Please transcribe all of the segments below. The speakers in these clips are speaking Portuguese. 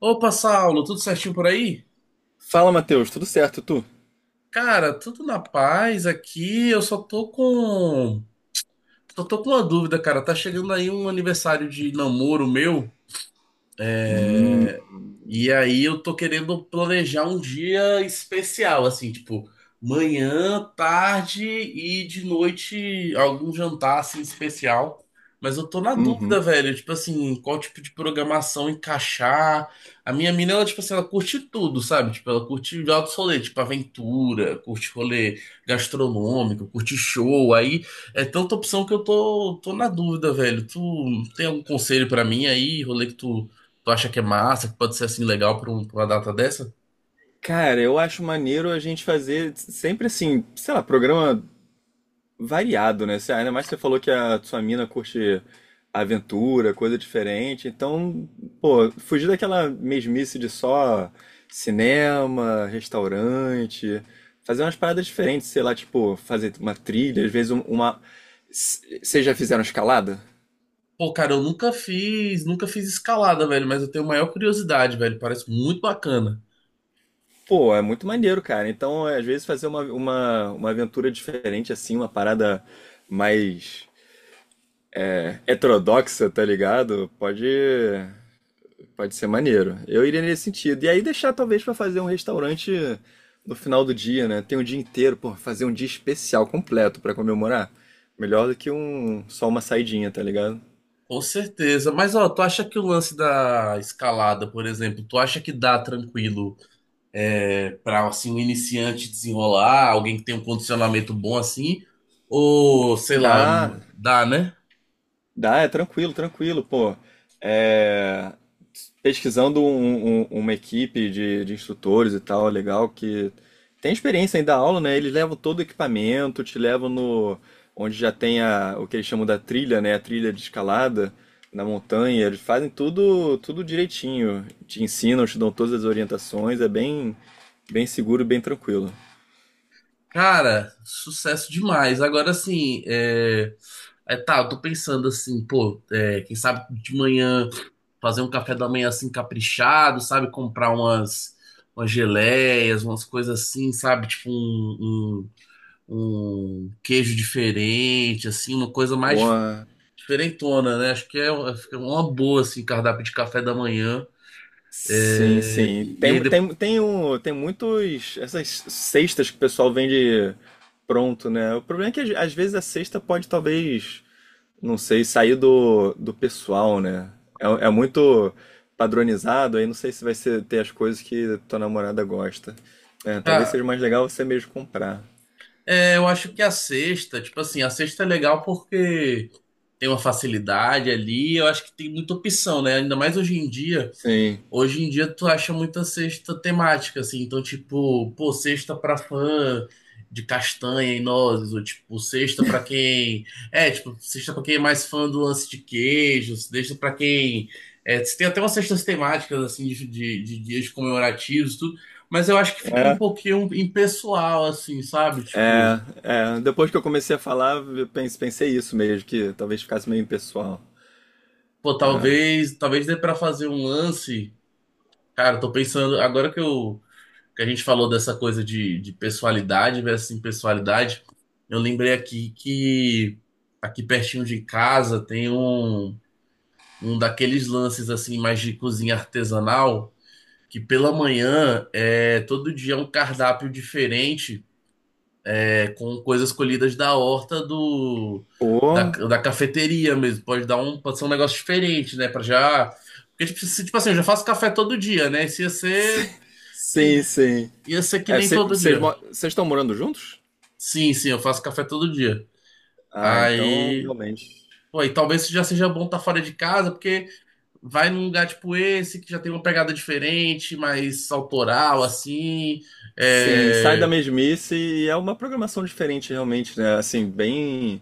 Opa, Saulo, tudo certinho por aí? Fala, Matheus, tudo certo, tu? Cara, tudo na paz aqui. Eu só tô com. Só tô com uma dúvida, cara. Tá chegando aí um aniversário de namoro meu. É, E aí eu tô querendo planejar um dia especial, assim, tipo, manhã, tarde e de noite algum jantar assim especial. Mas eu tô na Uhum. dúvida, velho, tipo assim, qual tipo de programação encaixar. A minha mina, ela, tipo assim, ela curte tudo, sabe? Tipo, ela curte altos rolê, tipo aventura, curte rolê gastronômico, curte show. Aí é tanta opção que eu tô na dúvida, velho. Tu tem algum conselho pra mim aí, rolê que tu Tu acha que é massa, que pode ser assim legal pra, pra uma data dessa? Cara, eu acho maneiro a gente fazer sempre assim, sei lá, programa variado, né? Você- Ainda mais você falou que a sua mina curte aventura, coisa diferente. Então, pô, fugir daquela mesmice de só cinema, restaurante, fazer umas paradas diferentes, sei lá, tipo, fazer uma trilha, às vezes um- uma. C- Vocês já fizeram escalada? Pô, cara, eu nunca fiz escalada, velho, mas eu tenho maior curiosidade, velho. Parece muito bacana. Pô, é muito maneiro, cara. Então, é, às vezes, fazer uma, uma aventura diferente, assim, uma parada mais heterodoxa, tá ligado? Pode ser maneiro. Eu iria nesse sentido. E aí deixar, talvez, pra fazer um restaurante no final do dia, né? Tem um dia inteiro, pô, fazer um dia especial completo pra comemorar. Melhor do que um, só uma saidinha, tá ligado? Com certeza. Mas, ó, tu acha que o lance da escalada, por exemplo, tu acha que dá tranquilo, é, pra, assim, um iniciante desenrolar, alguém que tem um condicionamento bom assim? Ou, sei lá, Dá, dá, né? É tranquilo, pô. É, pesquisando um- um- uma equipe de instrutores e tal, legal, que tem experiência em dar aula, né? Eles levam todo o equipamento, te levam no, onde já tem a, o que eles chamam da trilha, né? A trilha de escalada na montanha. Eles fazem tudo, tudo direitinho. Te ensinam, te dão todas as orientações. É bem, bem seguro, bem tranquilo. Cara, sucesso demais. Agora sim, é, é, tá, eu tô pensando assim, pô, é, quem sabe de manhã fazer um café da manhã assim caprichado, sabe? Comprar umas, umas geleias, umas coisas assim, sabe? Tipo um, um queijo diferente, assim, uma coisa mais Bom, diferentona, né? Acho que é, uma fica uma boa, assim, cardápio de café da manhã. Sim, sim. E aí Tem, depois. tem, tem, um, tem muitos. Essas cestas que o pessoal vende pronto, né? O problema é que às vezes a cesta pode talvez, não sei, sair do, do pessoal, né? É, é muito padronizado, aí não sei se vai ser, ter as coisas que tua namorada gosta. É, talvez Ah, seja mais legal você mesmo comprar. é, eu acho que a sexta, tipo assim, a sexta é legal porque tem uma facilidade ali. Eu acho que tem muita opção, né? Ainda mais hoje em dia. Sim. Hoje em dia tu acha muita cesta temática, assim. Então, tipo, pô, cesta pra fã de castanha e nozes, ou tipo, cesta pra quem. É, tipo, cesta pra quem é mais fã do lance de queijos, cesta pra quem. É, tem até umas cestas temáticas, assim, de dias comemorativos, tudo. Mas eu acho que fica um É, pouquinho impessoal, assim, sabe? Tipo, é, é. Depois que eu comecei a falar, eu pense- pensei isso mesmo, que talvez ficasse meio impessoal. pô, talvez dê pra fazer um lance. Cara, eu tô pensando, agora que eu que a gente falou dessa coisa de pessoalidade versus impessoalidade, eu lembrei aqui que aqui pertinho de casa tem um, um daqueles lances assim mais de cozinha artesanal, que pela manhã é todo dia é um cardápio diferente, é, com coisas colhidas da horta do Pô. da cafeteria mesmo. Pode ser um negócio diferente, né? Pra já porque tipo, tipo assim, eu já faço café todo dia, né? Se ia ser que Sim, sim. Ia ser que É, nem cê- todo vocês dia. mo- vocês estão morando juntos? Sim, sim, eu faço café todo dia. Ah, então Aí, realmente. pô, e talvez já seja bom estar fora de casa, porque vai num lugar tipo esse, que já tem uma pegada diferente, mais autoral, assim. Sim, sai da É. mesmice e é uma programação diferente, realmente, né? Assim, bem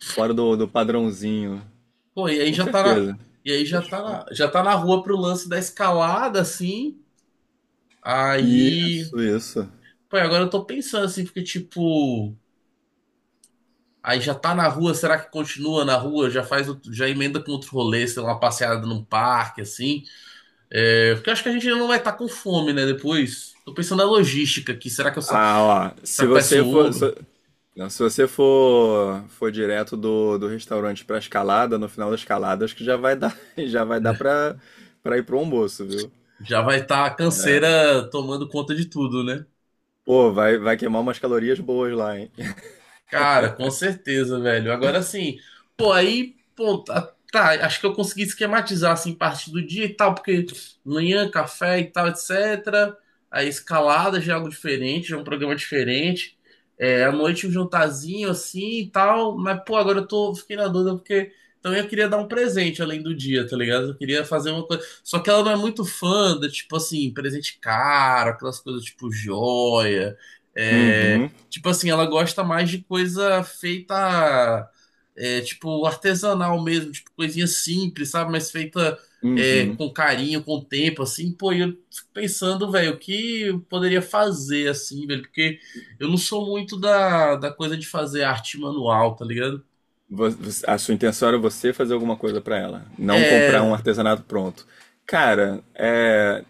fora do, do padrãozinho. Pô, e aí Com já tá na... certeza. E aí já Fechou. Já tá na rua pro lance da escalada, assim. Aí, Isso, isso. pô, e agora eu tô pensando, assim, porque, tipo, aí já tá na rua, será que continua na rua? Já faz, já emenda com outro rolê, sei lá, uma passeada num parque, assim. É, porque eu acho que a gente não vai estar com fome, né? Depois. Tô pensando na logística aqui. Ah, ó. Se Será que eu peço você um for. Uber? Se, não, se você for, for direto do, do restaurante pra escalada, no final da escalada, acho que já vai dar, já vai dar É, pra, pra ir pro almoço, viu? já vai estar a canseira tomando conta de tudo, né? Pô, vai, vai queimar umas calorias boas lá, hein? Cara, com certeza, velho. Agora sim, pô, aí, pô, tá, acho que eu consegui esquematizar assim parte do dia e tal, porque manhã, café e tal, etc. Aí escalada já é algo diferente, já é um programa diferente. É, à noite um jantarzinho assim e tal, mas pô, fiquei na dúvida porque também eu queria dar um presente além do dia, tá ligado? Eu queria fazer uma coisa. Só que ela não é muito fã da, tipo assim, presente caro, aquelas coisas tipo joia. É, Uhum, tipo assim, ela gosta mais de coisa feita, é, tipo, artesanal mesmo, tipo, coisinha simples, sabe? Mas feita, é, uhum. com carinho, com tempo, assim. Pô, e eu fico pensando, velho, o que eu poderia fazer, assim, velho? Porque eu não sou muito da coisa de fazer arte manual, tá ligado? Vo- você- A sua intenção era você fazer alguma coisa pra ela, não comprar um É, artesanato pronto. Cara, é,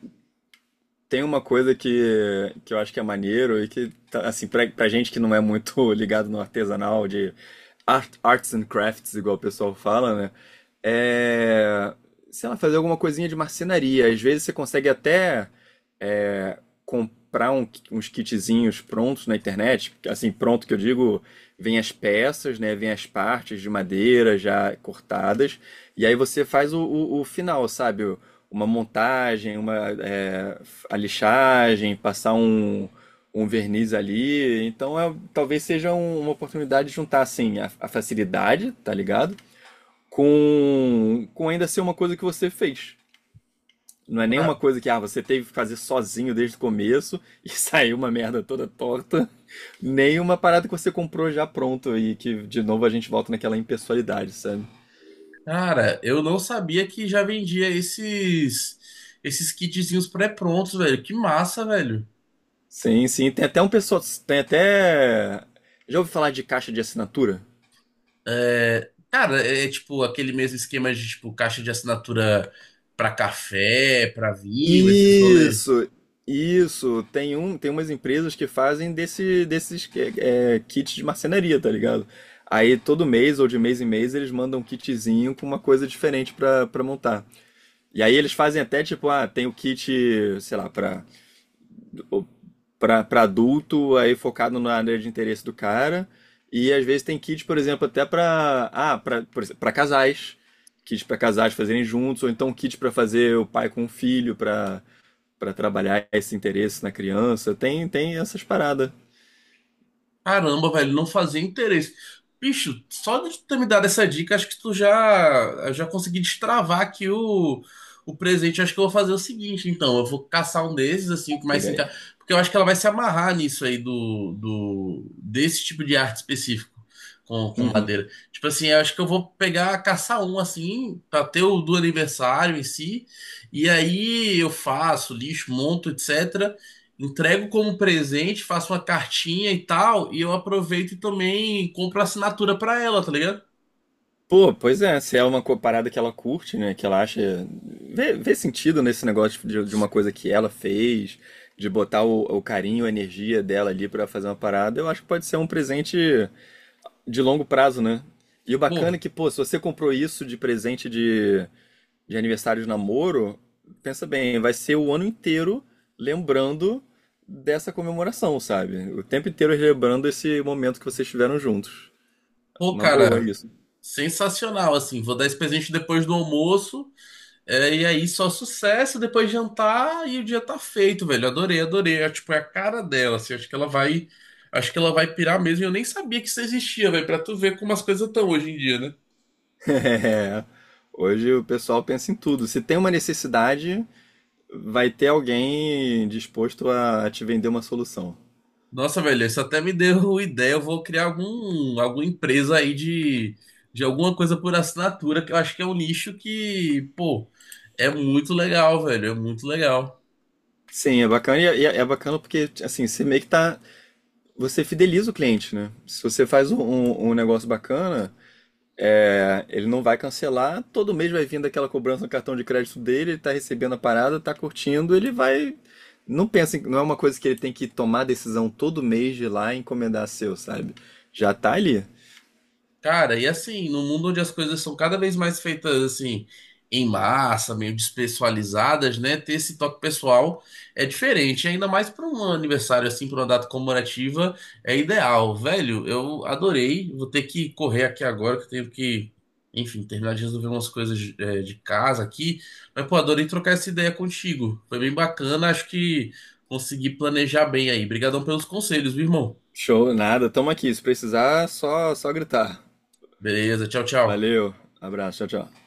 tem uma coisa que eu acho que é maneiro e que, tá, assim, pra, pra gente que não é muito ligado no artesanal de art- arts and crafts, igual o pessoal fala, né? É, sei lá, fazer alguma coisinha de marcenaria. Às vezes você consegue até é, comprar um- uns kitzinhos prontos na internet, assim, pronto que eu digo, vem as peças, né? Vem as partes de madeira já cortadas, e aí você faz o final, sabe? Uma montagem, uma é, a lixagem, passar um, um verniz ali. Então é, talvez seja um- uma oportunidade de juntar assim a facilidade, tá ligado? Com ainda ser uma coisa que você fez. Não é ah, nenhuma coisa que ah, você teve que fazer sozinho desde o começo e saiu uma merda toda torta. Nem uma parada que você comprou já pronto e que de novo a gente volta naquela impessoalidade, sabe? cara, eu não sabia que já vendia esses, esses kitzinhos pré-prontos, velho. Que massa, velho. Sim, sim. Tem até um pessoal. Tem até. Já ouvi falar de caixa de assinatura? É, cara, é tipo aquele mesmo esquema de tipo caixa de assinatura pra café, pra vinho, esses rolês. Isso, isso. Tem um, tem umas empresas que fazem desse, desses é, é, kits de marcenaria, tá ligado? Aí todo mês ou de mês em mês eles mandam um kitzinho com uma coisa diferente pra, pra montar. E aí eles fazem até tipo, ah, tem o kit, sei lá, pra para adulto, aí focado na área de interesse do cara. E às vezes tem kit por exemplo, até para ah, para casais. Kit para casais fazerem juntos, ou então kit para fazer o pai com o filho, para trabalhar esse interesse na criança. Tem, tem essas paradas. Caramba, velho, não fazia interesse. Bicho, só de tu ter me dado essa dica, acho que tu já consegui destravar aqui o presente. Acho que eu vou fazer o seguinte, então. Eu vou caçar um desses, assim, o que mais se Chega encaixa. aí. Porque eu acho que ela vai se amarrar nisso aí do desse tipo de arte específico com Uhum. madeira. Tipo assim, eu acho que eu vou pegar, caçar um, assim, pra ter o do aniversário em si. E aí eu faço lixo, monto, etc. Entrego como presente, faço uma cartinha e tal, e eu aproveito e também compro assinatura pra ela, tá ligado? Pô, pois é, se é uma co- parada que ela curte, né? Que ela acha. Vê, vê sentido nesse negócio de uma coisa que ela fez, de botar o carinho, a energia dela ali pra fazer uma parada, eu acho que pode ser um presente de longo prazo, né? E o bacana é Pô, que, pô, se você comprou isso de presente de aniversário de namoro, pensa bem, vai ser o ano inteiro lembrando dessa comemoração, sabe? O tempo inteiro lembrando esse momento que vocês tiveram juntos. pô, Uma boa cara, isso. sensacional, assim. Vou dar esse presente depois do almoço, é, e aí só sucesso, depois jantar e o dia tá feito, velho. Adorei, adorei. É, tipo, é a cara dela, assim. Acho que ela vai pirar mesmo. Eu nem sabia que isso existia, velho, pra tu ver como as coisas estão hoje em dia, né? É. Hoje o pessoal pensa em tudo. Se tem uma necessidade, vai ter alguém disposto a te vender uma solução. Nossa, velho, isso até me deu ideia. Eu vou criar alguma empresa aí de alguma coisa por assinatura, que eu acho que é um nicho que, pô, é muito legal, velho. É muito legal. Sim, é bacana e é, é bacana porque assim, você meio que tá. Você fideliza o cliente, né? Se você faz um, um- um negócio bacana, é, ele não vai cancelar, todo mês vai vindo aquela cobrança no cartão de crédito dele, ele tá recebendo a parada, tá curtindo, ele vai. Não pensa, em- não é uma coisa que ele tem que tomar decisão todo mês de ir lá e encomendar seu, sabe? Já tá ali. Cara, e assim, no mundo onde as coisas são cada vez mais feitas assim, em massa, meio despessoalizadas, né? Ter esse toque pessoal é diferente, ainda mais para um aniversário assim, para uma data comemorativa, é ideal. Velho, eu adorei. Vou ter que correr aqui agora, que eu tenho que, enfim, terminar de resolver umas coisas é, de casa aqui. Mas, pô, adorei trocar essa ideia contigo. Foi bem bacana, acho que consegui planejar bem aí. Obrigadão pelos conselhos, viu, irmão? Show, nada, tamo aqui. Se precisar, só, só gritar. Beleza, tchau, tchau. Valeu, abraço, tchau, tchau.